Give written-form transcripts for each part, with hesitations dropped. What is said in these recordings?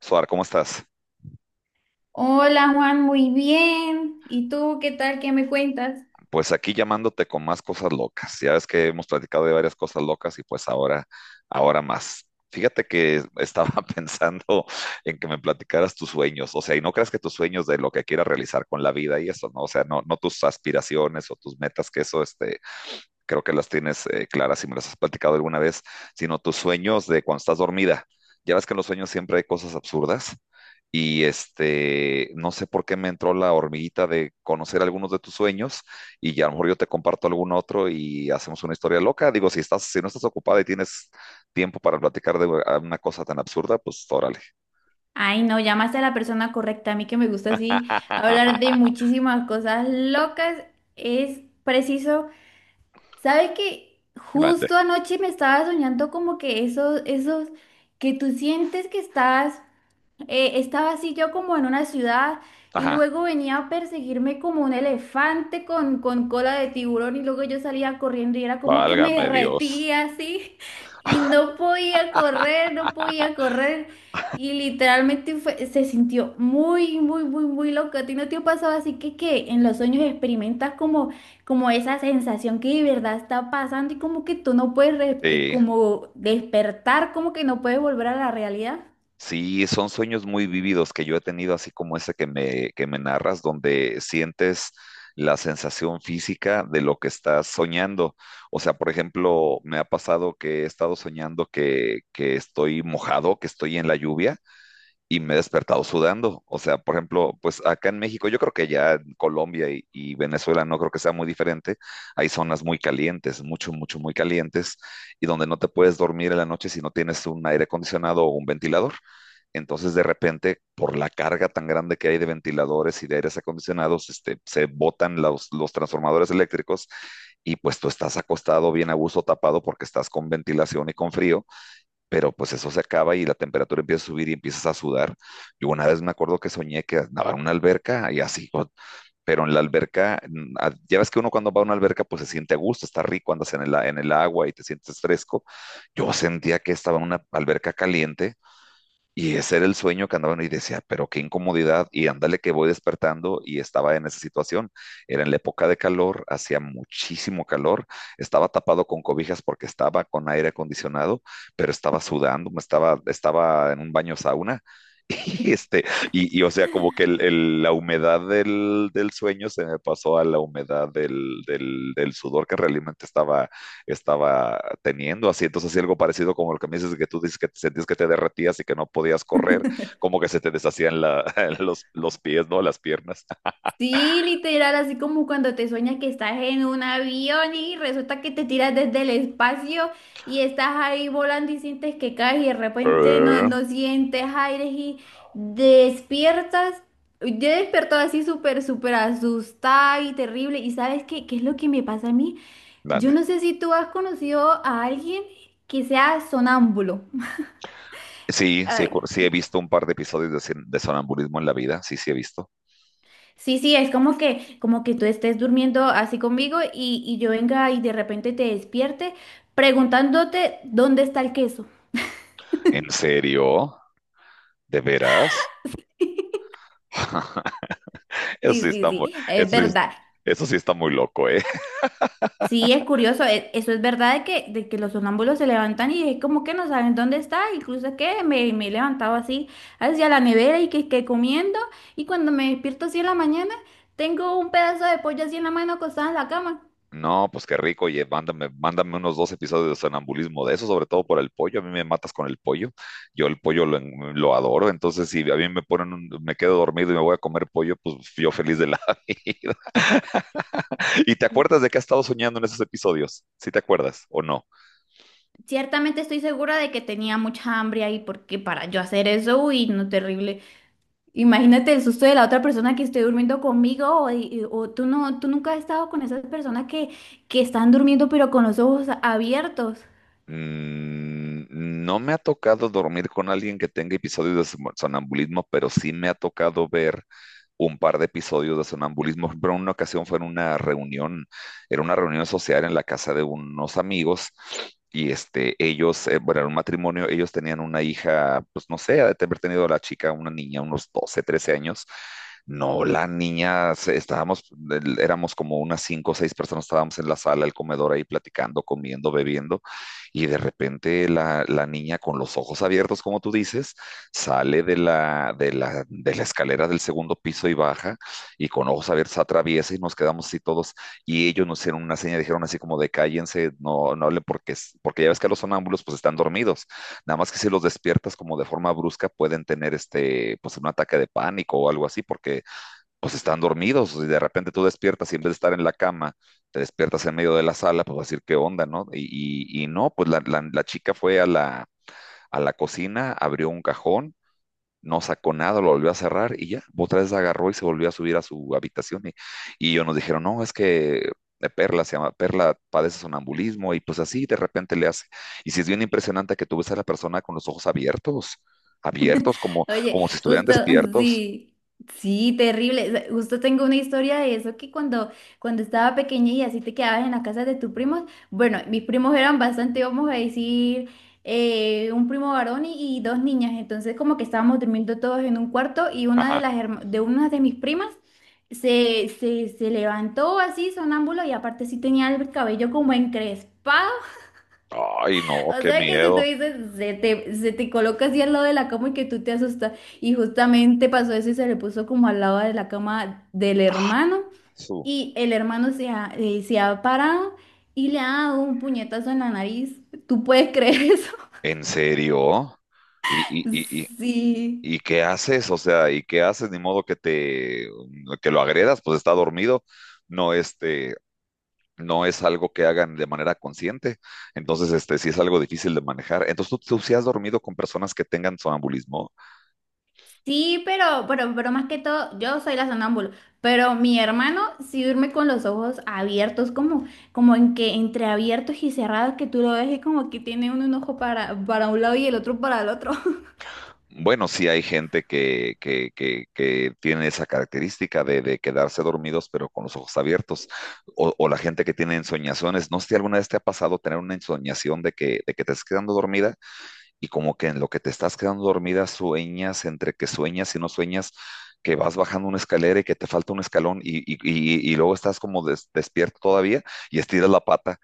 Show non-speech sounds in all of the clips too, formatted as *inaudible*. Suar, ¿cómo estás? Hola Juan, muy bien. ¿Y tú qué tal? ¿Qué me cuentas? Pues aquí llamándote con más cosas locas. Ya ves que hemos platicado de varias cosas locas y pues ahora más. Fíjate que estaba *laughs* pensando en que me platicaras tus sueños, o sea, y no creas que tus sueños de lo que quieras realizar con la vida y eso, ¿no? O sea, no tus aspiraciones o tus metas, que eso, creo que las tienes claras si me las has platicado alguna vez, sino tus sueños de cuando estás dormida. Ya ves que en los sueños siempre hay cosas absurdas y no sé por qué me entró la hormiguita de conocer algunos de tus sueños y ya a lo mejor yo te comparto algún otro y hacemos una historia loca. Digo, si estás, si no estás ocupada y tienes tiempo para platicar de una cosa tan absurda, pues órale. Ay, no, llamaste a la persona correcta. A mí que me gusta así hablar de muchísimas cosas locas. Es preciso. ¿Sabes que Grande. justo anoche me estaba soñando como que esos que tú sientes que estás? Estaba así yo como en una ciudad y Ajá. luego venía a perseguirme como un elefante con cola de tiburón y luego yo salía corriendo y era como que me Válgame Dios. derretía así *laughs* y no podía correr, no podía correr y literalmente se sintió muy, muy, muy, muy loco. ¿A ti no te ha pasado así que en los sueños experimentas como, como esa sensación que de verdad está pasando y como que tú no puedes Sí. como despertar, como que no puedes volver a la realidad? Sí, son sueños muy vívidos que yo he tenido, así como ese que que me narras, donde sientes la sensación física de lo que estás soñando. O sea, por ejemplo, me ha pasado que he estado soñando que estoy mojado, que estoy en la lluvia y me he despertado sudando. O sea, por ejemplo, pues acá en México, yo creo que ya en Colombia y Venezuela no creo que sea muy diferente. Hay zonas muy calientes, mucho, mucho, muy calientes, y donde no te puedes dormir en la noche si no tienes un aire acondicionado o un ventilador. Entonces, de repente, por la carga tan grande que hay de ventiladores y de aires acondicionados, se botan los transformadores eléctricos y pues tú estás acostado bien a gusto tapado porque estás con ventilación y con frío, pero pues eso se acaba y la temperatura empieza a subir y empiezas a sudar. Yo una vez me acuerdo que soñé que nadaba en una alberca y así, pero en la alberca, ya ves que uno cuando va a una alberca pues se siente a gusto, está rico, andas en el, en el agua y te sientes fresco. Yo sentía que estaba en una alberca caliente y ese era el sueño que andaban y decía, pero qué incomodidad. Y ándale que voy despertando y estaba en esa situación. Era en la época de calor, hacía muchísimo calor, estaba tapado con cobijas porque estaba con aire acondicionado, pero estaba sudando, estaba en un baño sauna. *laughs* Y este, o sea, como que la humedad del sueño se me pasó a la humedad del sudor que realmente estaba teniendo, así entonces así algo parecido como lo que me dices que tú dices que sentías que te derretías y que no podías correr, como que se te deshacían *laughs* los pies, ¿no? Las piernas. Sí, literal, así como cuando te sueñas que estás en un avión y resulta que te tiras desde el espacio y estás ahí volando y sientes que caes y de repente no, Eh, no sientes aire y despiertas. Yo despertó así súper, súper asustada y terrible. ¿Y sabes qué, qué es lo que me pasa a mí? Yo Grande. no sé si tú has conocido a alguien que sea sonámbulo. Sí, sí, *laughs* sí he visto un par de episodios de, de sonambulismo en la vida, sí, sí he visto. Sí, sí, es como que tú estés durmiendo así conmigo y yo venga y de repente te despierte preguntándote dónde está el queso. ¿En serio? ¿De veras? *laughs* Eso Sí, sí sí, está muy, sí, es eso sí- verdad. eso sí está muy loco, ¿eh? Sí, es curioso, eso es verdad de que los sonámbulos se levantan y es como que no saben dónde está, incluso que me he levantado así hacia la nevera y que comiendo y cuando me despierto así en la mañana tengo un pedazo de pollo así en la mano acostada en la cama. No, pues qué rico, oye, mándame unos dos episodios de sonambulismo de eso, sobre todo por el pollo. A mí me matas con el pollo. Yo el pollo lo adoro, entonces si a mí me ponen, me quedo dormido y me voy a comer pollo, pues yo feliz de la *laughs* vida. ¿Y te acuerdas de qué has estado soñando en esos episodios? ¿Sí te acuerdas o no? Ciertamente estoy segura de que tenía mucha hambre ahí, porque para yo hacer eso, uy, no, terrible. Imagínate el susto de la otra persona que esté durmiendo conmigo, o, o tú no, tú nunca has estado con esas personas que están durmiendo pero con los ojos abiertos. Mm, no me ha tocado dormir con alguien que tenga episodios de sonambulismo, pero sí me ha tocado ver un par de episodios de sonambulismo, pero en una ocasión fue en una reunión, era una reunión social en la casa de unos amigos era un matrimonio, ellos tenían una hija, pues no sé, ha de haber tenido la chica, una niña, unos 12, 13 años. No, la niña, éramos como unas cinco o seis personas, estábamos en la sala, el comedor ahí platicando, comiendo, bebiendo, y de repente la niña con los ojos abiertos, como tú dices, sale de de la escalera del segundo piso y baja, y con ojos abiertos atraviesa y nos quedamos así todos, y ellos nos hicieron una seña, dijeron así como de cállense, no hablen porque, porque ya ves que los sonámbulos pues están dormidos, nada más que si los despiertas como de forma brusca pueden tener pues un ataque de pánico o algo así, porque pues están dormidos, y de repente tú despiertas y en vez de estar en la cama, te despiertas en medio de la sala, pues vas a decir qué onda, ¿no? Y no, pues la chica fue a la cocina, abrió un cajón, no sacó nada, lo volvió a cerrar y ya, otra vez agarró y se volvió a subir a su habitación y ellos nos dijeron, no, es que Perla se llama, Perla padece sonambulismo y pues así de repente le hace. Y si es bien impresionante que tú ves a la persona con los ojos abiertos, abiertos, como, Oye, como si estuvieran justo, *laughs* despiertos. sí, sí, terrible. O sea, justo tengo una historia de eso que cuando estaba pequeña y así te quedabas en la casa de tus primos, bueno, mis primos eran bastante, vamos a decir, un primo varón y dos niñas, entonces como que estábamos durmiendo todos en un cuarto y una de Ajá. las herma- de una de mis primas se levantó así sonámbulo y aparte sí tenía el cabello como encrespado, Ay, no, o qué sea que si tú miedo. dices, se te coloca así al lado de la cama y que tú te asustas. Y justamente pasó eso y se le puso como al lado de la cama del hermano. Su- Y el hermano se ha parado y le ha dado un puñetazo en la nariz. ¿Tú puedes creer eso? ¿En serio? ¿Y, y, y, *laughs* y, Sí. y qué haces? O sea, ¿y qué haces? Ni modo que te, que lo agredas, pues está dormido. No, no es algo que hagan de manera consciente, entonces este sí es algo difícil de manejar. Entonces tú si has dormido con personas que tengan sonambulismo, Sí, pero más que todo, yo soy la sonámbula, pero mi hermano sí duerme con los ojos abiertos, como, como en que entre abiertos y cerrados, que tú lo ves y como que tiene uno un ojo para un lado y el otro para el otro. *laughs* bueno, sí hay gente que tiene esa característica de quedarse dormidos pero con los ojos abiertos, o la gente que tiene ensoñaciones, no sé si alguna vez te ha pasado tener una ensoñación de de que te estás quedando dormida y como que en lo que te estás quedando dormida sueñas, entre que sueñas y no sueñas, que vas bajando una escalera y que te falta un escalón y luego estás como despierto todavía y estiras la pata,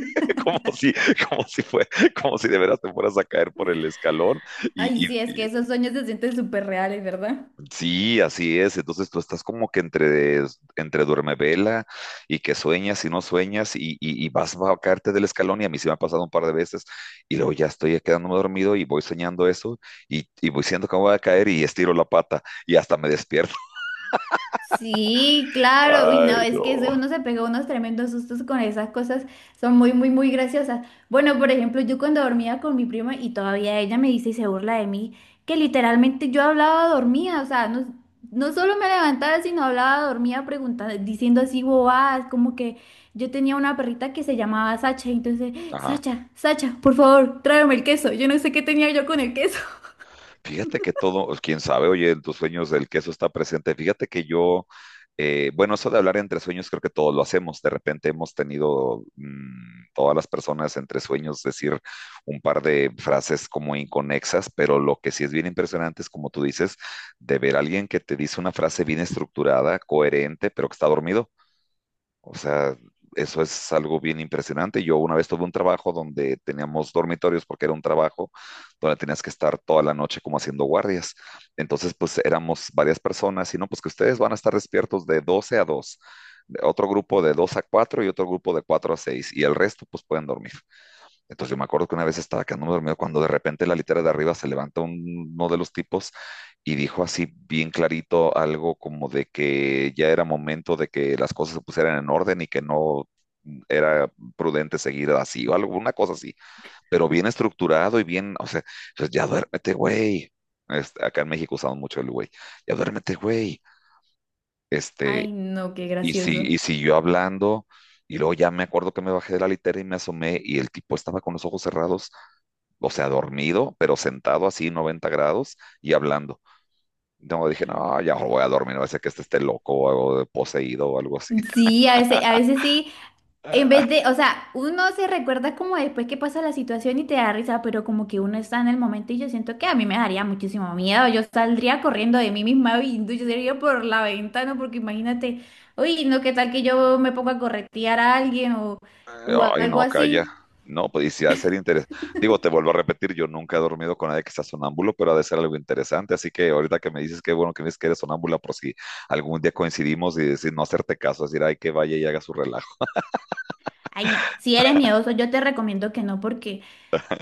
*laughs* como si, como si fue, como si de veras te fueras a caer por el escalón y, Ay, y- sí, es que esos sueños se sienten súper reales, ¿verdad? Sí, así es. Entonces tú estás como que entre duerme vela y que sueñas y no sueñas y vas a caerte del escalón y a mí sí me ha pasado un par de veces y luego ya estoy quedándome dormido y voy soñando eso y voy siendo que me voy a caer y estiro la pata y hasta me despierto. Sí, *laughs* claro. Uy, no, Ay, es que no. ese uno se pegó unos tremendos sustos con esas cosas. Son muy, muy, muy graciosas. Bueno, por ejemplo, yo cuando dormía con mi prima y todavía ella me dice y se burla de mí, que literalmente yo hablaba dormía. O sea, no, no solo me levantaba, sino hablaba dormía preguntando, diciendo así bobadas, como que yo tenía una perrita que se llamaba Sacha. Y entonces, Ajá. Sacha, Sacha, por favor, tráeme el queso. Yo no sé qué tenía yo con el queso. *laughs* Fíjate que todo, pues, quién sabe, oye, en tus sueños el queso está presente. Bueno, eso de hablar entre sueños creo que todos lo hacemos. De repente hemos tenido todas las personas entre sueños decir un par de frases como inconexas, pero lo que sí es bien impresionante es, como tú dices, de ver a alguien que te dice una frase bien estructurada, coherente, pero que está dormido. O sea, eso es algo bien impresionante. Yo una vez tuve un trabajo donde teníamos dormitorios porque era un trabajo donde tenías que estar toda la noche como haciendo guardias. Entonces, pues éramos varias personas y no, pues que ustedes van a estar despiertos de 12 a 2, de otro grupo de 2 a 4 y otro grupo de 4 a 6 y el resto pues pueden dormir. Entonces yo me acuerdo que una vez estaba quedándome dormido cuando de repente la litera de arriba se levanta uno de los tipos y dijo así bien clarito algo como de que ya era momento de que las cosas se pusieran en orden y que no era prudente seguir así o alguna cosa así, pero bien estructurado y bien, o sea, pues, ya duérmete, güey. Acá en México usamos mucho el güey, ya duérmete, güey. Este, Ay, no, qué y, si, gracioso. y siguió hablando, y luego ya me acuerdo que me bajé de la litera y me asomé, y el tipo estaba con los ojos cerrados, o sea, dormido, pero sentado así, 90 grados, y hablando. No, dije, no, ya voy a dormir, no va a ser que este esté loco o algo poseído o algo así. Sí, a veces sí. En vez *laughs* de, o sea, uno se recuerda como después que pasa la situación y te da risa, pero como que uno está en el momento y yo siento que a mí me daría muchísimo miedo. Yo saldría corriendo de mí misma y yo sería por la ventana, porque imagínate, uy, no, qué tal que yo me ponga a corretear a alguien o Ay, algo no, calla. así. No, pues y si ha de ser interesante. Digo, te vuelvo a repetir, yo nunca he dormido con nadie que sea sonámbulo, pero ha de ser algo interesante. Así que ahorita que me dices que bueno que me dices que eres sonámbula, por si algún día coincidimos y decir no hacerte caso, decir, ay, que vaya y haga su relajo. Ay, no, si eres miedoso, yo te recomiendo que no, porque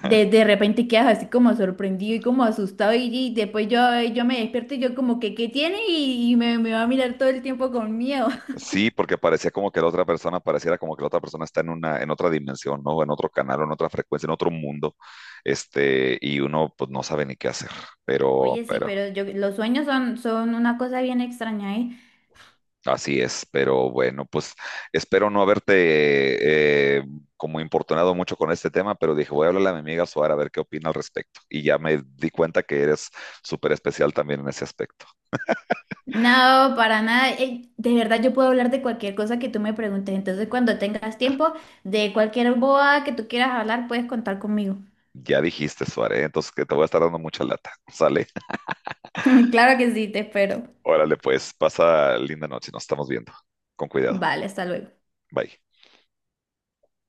de repente quedas así como sorprendido y como asustado y después yo me despierto y yo como que, ¿qué tiene? Y me va a mirar todo el tiempo con miedo. Sí, porque parecía como que la otra persona, pareciera como que la otra persona está en una, en otra dimensión, ¿no? En otro canal, o en otra frecuencia, en otro mundo, y uno pues no sabe ni qué hacer, pero, Oye, sí, pero, pero yo, los sueños son una cosa bien extraña, ¿eh? así es, pero bueno, pues espero no haberte como importunado mucho con este tema, pero dije, voy a hablarle a mi amiga Suara a ver qué opina al respecto, y ya me di cuenta que eres súper especial también en ese aspecto. No, para nada. De verdad, yo puedo hablar de cualquier cosa que tú me preguntes. Entonces, cuando tengas tiempo, de cualquier boa que tú quieras hablar, puedes contar conmigo. Ya dijiste, Suárez, entonces que te voy a estar dando mucha lata, ¿sale? *laughs* *laughs* Claro que sí, te espero. Órale, pues, pasa linda noche, nos estamos viendo, con cuidado. Vale, hasta luego. Bye.